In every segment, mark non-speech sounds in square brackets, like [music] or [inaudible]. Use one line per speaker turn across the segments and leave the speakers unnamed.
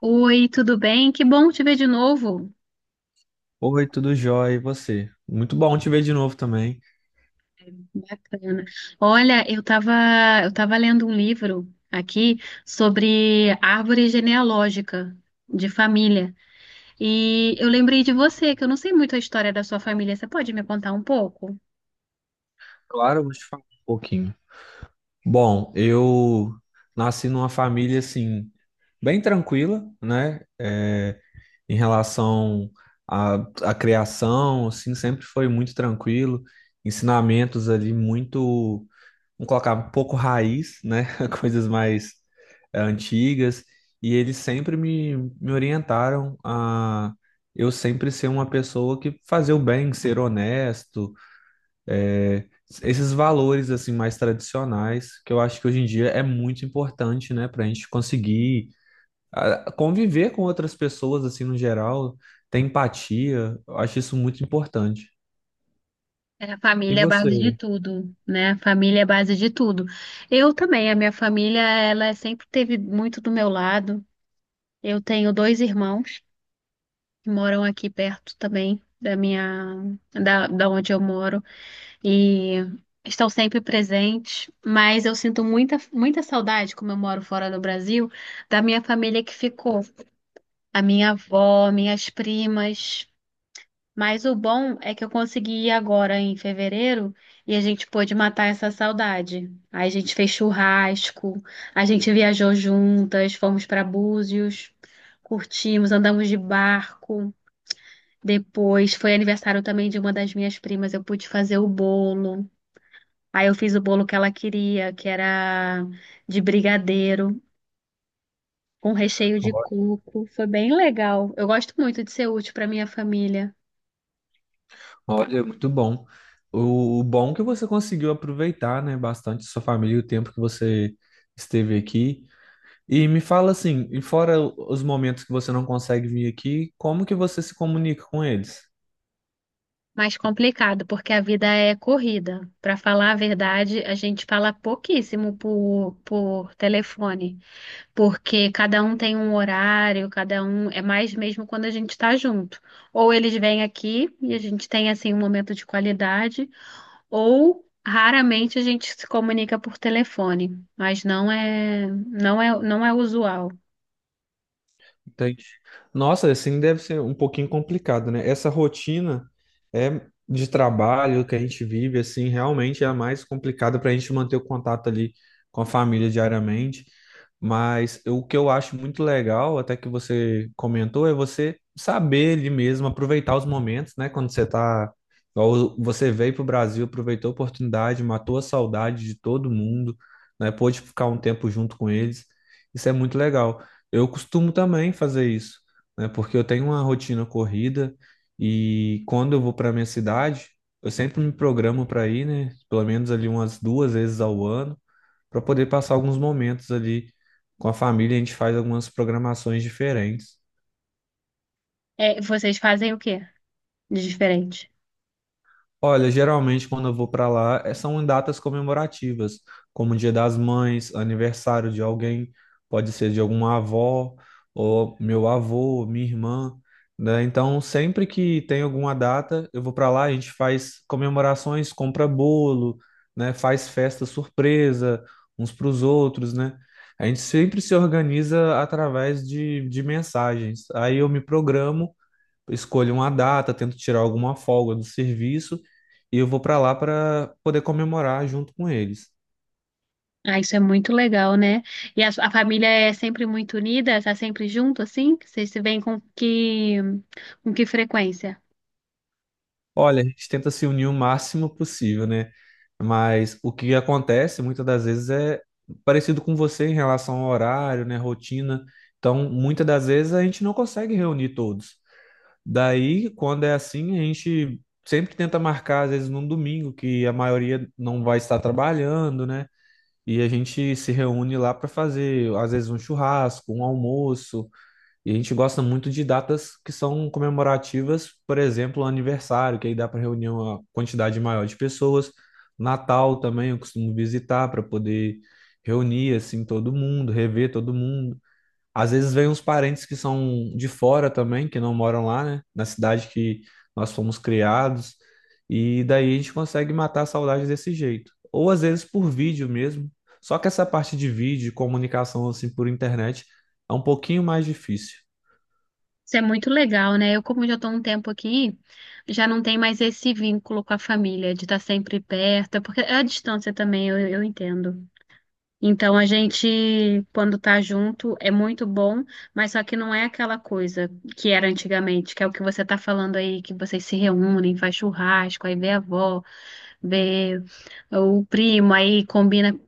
Oi, tudo bem? Que bom te ver de novo.
Oi, tudo jóia, e você? Muito bom te ver de novo também.
Bacana. Olha, eu tava lendo um livro aqui sobre árvore genealógica de família. E eu lembrei de você, que eu não sei muito a história da sua família. Você pode me contar um pouco?
Claro, eu vou te falar um pouquinho. Bom, eu nasci numa família assim, bem tranquila, né? Em relação à, à criação, assim, sempre foi muito tranquilo, ensinamentos ali muito. Vamos colocar um pouco raiz, né? [laughs] Coisas mais antigas. E eles sempre me orientaram a eu sempre ser uma pessoa que fazer o bem, ser honesto, eh, esses valores assim mais tradicionais, que eu acho que hoje em dia é muito importante, né? Para a gente conseguir conviver com outras pessoas assim no geral, ter empatia. Eu acho isso muito importante.
É, a
E
família é a base de
você?
tudo, né? A família é a base de tudo. Eu também, a minha família, ela sempre teve muito do meu lado. Eu tenho dois irmãos que moram aqui perto também da onde eu moro. E estão sempre presentes, mas eu sinto muita saudade, como eu moro fora do Brasil, da minha família que ficou, a minha avó, minhas primas. Mas o bom é que eu consegui ir agora em fevereiro e a gente pôde matar essa saudade. Aí a gente fez churrasco, a gente viajou juntas, fomos para Búzios, curtimos, andamos de barco. Depois foi aniversário também de uma das minhas primas, eu pude fazer o bolo. Aí eu fiz o bolo que ela queria, que era de brigadeiro, com recheio de coco. Foi bem legal. Eu gosto muito de ser útil para minha família.
Olha, muito bom. O bom é que você conseguiu aproveitar, né, bastante sua família e o tempo que você esteve aqui. E me fala assim, e fora os momentos que você não consegue vir aqui, como que você se comunica com eles?
Mas complicado, porque a vida é corrida. Para falar a verdade, a gente fala pouquíssimo por telefone, porque cada um tem um horário, cada um é mais mesmo quando a gente está junto. Ou eles vêm aqui e a gente tem assim um momento de qualidade. Ou raramente a gente se comunica por telefone, mas não é usual.
Entendi. Nossa, assim deve ser um pouquinho complicado, né? Essa rotina é de trabalho que a gente vive, assim, realmente é a mais complicada para a gente manter o contato ali com a família diariamente. Mas o que eu acho muito legal, até que você comentou, é você saber ali mesmo, aproveitar os momentos, né? Quando você tá, igual você veio para o Brasil, aproveitou a oportunidade, matou a saudade de todo mundo, né? Pôde ficar um tempo junto com eles. Isso é muito legal. Eu costumo também fazer isso, né? Porque eu tenho uma rotina corrida e quando eu vou para minha cidade, eu sempre me programo para ir, né? Pelo menos ali umas duas vezes ao ano, para poder passar alguns momentos ali com a família. A gente faz algumas programações diferentes.
É, vocês fazem o quê de diferente?
Olha, geralmente quando eu vou para lá, são em datas comemorativas, como Dia das Mães, aniversário de alguém, pode ser de alguma avó, ou meu avô, minha irmã, né? Então, sempre que tem alguma data, eu vou para lá, a gente faz comemorações, compra bolo, né? Faz festa surpresa uns para os outros, né? A gente sempre se organiza através de mensagens. Aí eu me programo, escolho uma data, tento tirar alguma folga do serviço e eu vou para lá para poder comemorar junto com eles.
Ah, isso é muito legal, né? E a família é sempre muito unida, tá sempre junto, assim? Vocês se veem com que frequência?
Olha, a gente tenta se unir o máximo possível, né? Mas o que acontece muitas das vezes é parecido com você em relação ao horário, né, rotina. Então, muitas das vezes a gente não consegue reunir todos. Daí, quando é assim, a gente sempre tenta marcar, às vezes, num domingo, que a maioria não vai estar trabalhando, né? E a gente se reúne lá para fazer, às vezes, um churrasco, um almoço. E a gente gosta muito de datas que são comemorativas, por exemplo, aniversário, que aí dá para reunir uma quantidade maior de pessoas. Natal também eu costumo visitar para poder reunir assim todo mundo, rever todo mundo. Às vezes vem uns parentes que são de fora também, que não moram lá, né? Na cidade que nós fomos criados. E daí a gente consegue matar a saudade desse jeito. Ou às vezes por vídeo mesmo. Só que essa parte de vídeo, comunicação assim por internet, é um pouquinho mais difícil.
Isso é muito legal, né? Eu, como já estou um tempo aqui, já não tem mais esse vínculo com a família, de estar sempre perto, porque é a distância também, eu entendo. Então a gente, quando tá junto, é muito bom, mas só que não é aquela coisa que era antigamente, que é o que você tá falando aí, que vocês se reúnem, faz churrasco, aí vê a avó, vê o primo, aí combina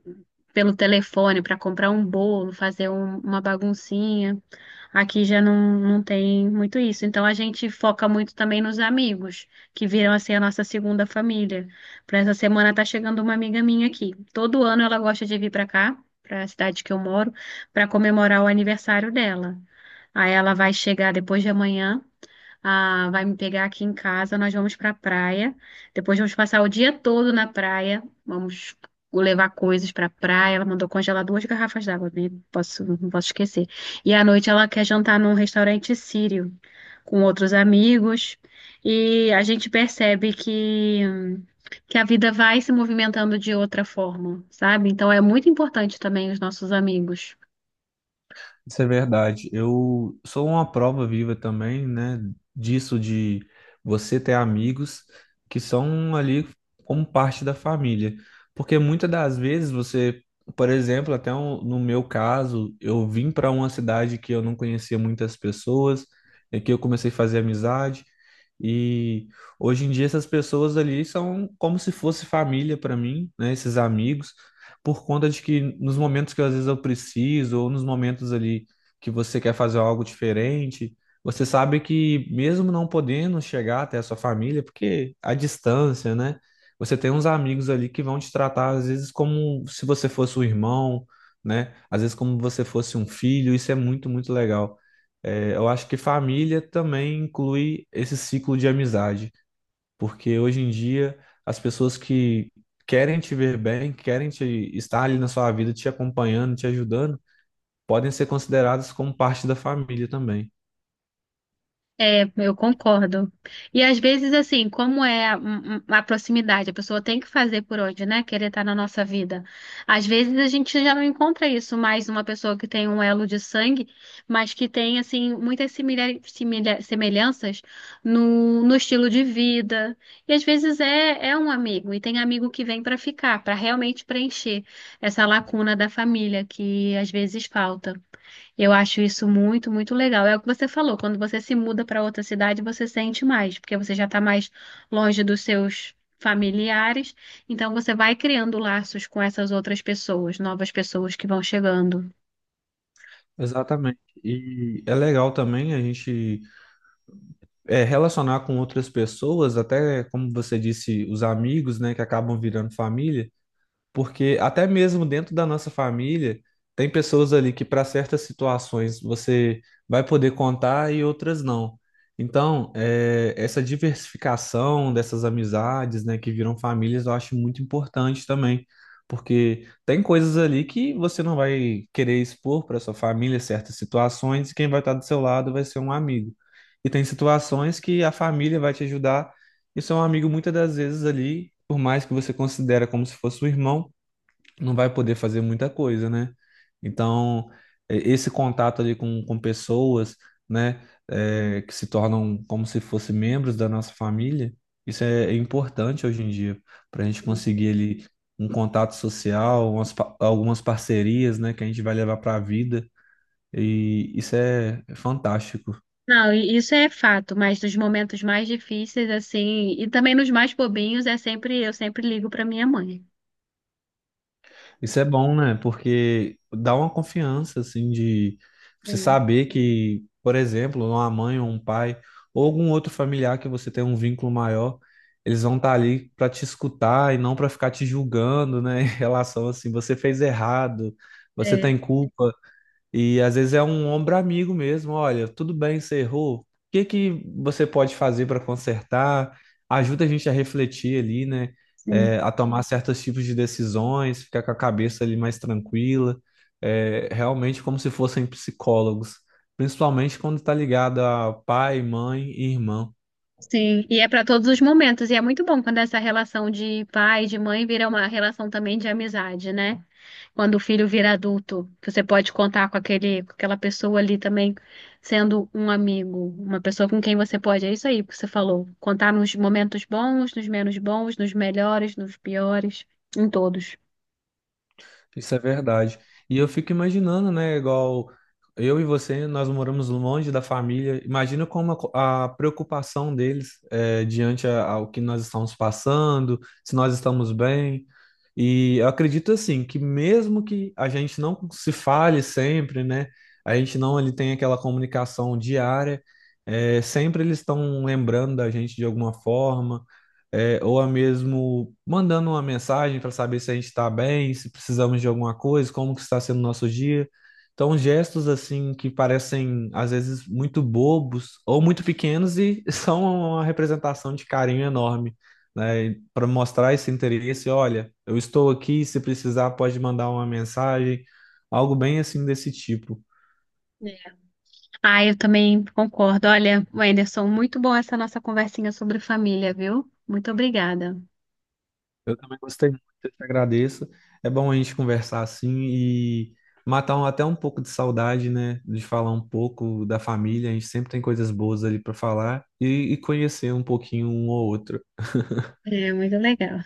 pelo telefone para comprar um bolo, uma baguncinha. Aqui já não, não tem muito isso. Então a gente foca muito também nos amigos, que viram a ser a nossa segunda família. Para essa semana tá chegando uma amiga minha aqui. Todo ano ela gosta de vir para cá, para a cidade que eu moro, para comemorar o aniversário dela. Aí ela vai chegar depois de amanhã. Ah, vai me pegar aqui em casa, nós vamos para a praia. Depois vamos passar o dia todo na praia. Vamos levar coisas para a praia. Ela mandou congelar duas garrafas d'água, né? Posso, não posso esquecer. E à noite ela quer jantar num restaurante sírio com outros amigos. E a gente percebe que a vida vai se movimentando de outra forma, sabe? Então é muito importante também os nossos amigos.
Isso é verdade. Eu sou uma prova viva também, né, disso de você ter amigos que são ali como parte da família. Porque muitas das vezes você, por exemplo, no meu caso, eu vim para uma cidade que eu não conhecia muitas pessoas, e que eu comecei a fazer amizade. E hoje em dia essas pessoas ali são como se fosse família para mim, né, esses amigos, por conta de que nos momentos que às vezes eu preciso, ou nos momentos ali que você quer fazer algo diferente, você sabe que mesmo não podendo chegar até a sua família, porque a distância, né? Você tem uns amigos ali que vão te tratar às vezes como se você fosse um irmão, né? Às vezes como você fosse um filho, isso é muito, muito legal. É, eu acho que família também inclui esse ciclo de amizade. Porque hoje em dia as pessoas que querem te ver bem, querem te estar ali na sua vida, te acompanhando, te ajudando, podem ser consideradas como parte da família também.
É, eu concordo. E às vezes, assim, como é a, um- um- a proximidade, a pessoa tem que fazer por onde, né? Querer estar na nossa vida. Às vezes a gente já não encontra isso mais uma pessoa que tem um elo de sangue, mas que tem, assim, muitas semelhanças no estilo de vida. E às vezes é um amigo, e tem amigo que vem para ficar, para realmente preencher essa lacuna da família que às vezes falta. Eu acho isso muito legal. É o que você falou, quando você se muda para outra cidade, você sente mais, porque você já está mais longe dos seus familiares, então você vai criando laços com essas outras pessoas, novas pessoas que vão chegando.
Exatamente. E é legal também a gente relacionar com outras pessoas, até como você disse, os amigos, né, que acabam virando família. Porque até mesmo dentro da nossa família, tem pessoas ali que para certas situações você vai poder contar e outras não. Então, essa diversificação dessas amizades, né, que viram famílias, eu acho muito importante também. Porque tem coisas ali que você não vai querer expor para sua família certas situações, e quem vai estar do seu lado vai ser um amigo. E tem situações que a família vai te ajudar, e seu amigo muitas das vezes ali, por mais que você considera como se fosse um irmão, não vai poder fazer muita coisa, né? Então, esse contato ali com pessoas, né, que se tornam como se fossem membros da nossa família, isso é importante hoje em dia, para a gente conseguir ali um contato social, umas algumas parcerias, né, que a gente vai levar para a vida, e isso é fantástico.
Não, e isso é fato, mas nos momentos mais difíceis, assim, e também nos mais bobinhos, é sempre, eu sempre ligo para minha mãe.
Isso é bom, né? Porque dá uma confiança, assim, de você
Sim.
saber que, por exemplo, uma mãe ou um pai, ou algum outro familiar que você tem um vínculo maior, eles vão estar ali para te escutar e não para ficar te julgando, né? [laughs] Em relação assim, você fez errado, você
É.
tem culpa. E às vezes é um ombro amigo mesmo. Olha, tudo bem, você errou. O que que você pode fazer para consertar? Ajuda a gente a refletir ali, né?
Sim.
É, a tomar certos tipos de decisões, ficar com a cabeça ali mais tranquila. É, realmente como se fossem psicólogos, principalmente quando está ligado a pai, mãe e irmão.
Sim, e é para todos os momentos, e é muito bom quando essa relação de pai e de mãe vira uma relação também de amizade, né? Quando o filho vira adulto, que você pode contar com aquele, com aquela pessoa ali também sendo um amigo, uma pessoa com quem você pode, é isso aí que você falou, contar nos momentos bons, nos menos bons, nos melhores, nos piores, em todos.
Isso é verdade. E eu fico imaginando, né, igual eu e você, nós moramos longe da família. Imagina como a preocupação deles é, diante ao que nós estamos passando, se nós estamos bem. E eu acredito assim que mesmo que a gente não se fale sempre, né, a gente não ali tem aquela comunicação diária, sempre eles estão lembrando da gente de alguma forma, ou a mesmo mandando uma mensagem para saber se a gente está bem, se precisamos de alguma coisa, como que está sendo o nosso dia. Então, gestos assim que parecem às vezes muito bobos ou muito pequenos e [laughs] são uma representação de carinho enorme, né? Para mostrar esse interesse, olha, eu estou aqui, se precisar pode mandar uma mensagem, algo bem assim desse tipo.
É. Ah, eu também concordo. Olha, Wenderson, muito bom essa nossa conversinha sobre família, viu? Muito obrigada.
Também gostei muito, eu te agradeço. É bom a gente conversar assim e matar até um pouco de saudade, né? De falar um pouco da família. A gente sempre tem coisas boas ali para falar, e conhecer um pouquinho um ou outro.
É muito legal.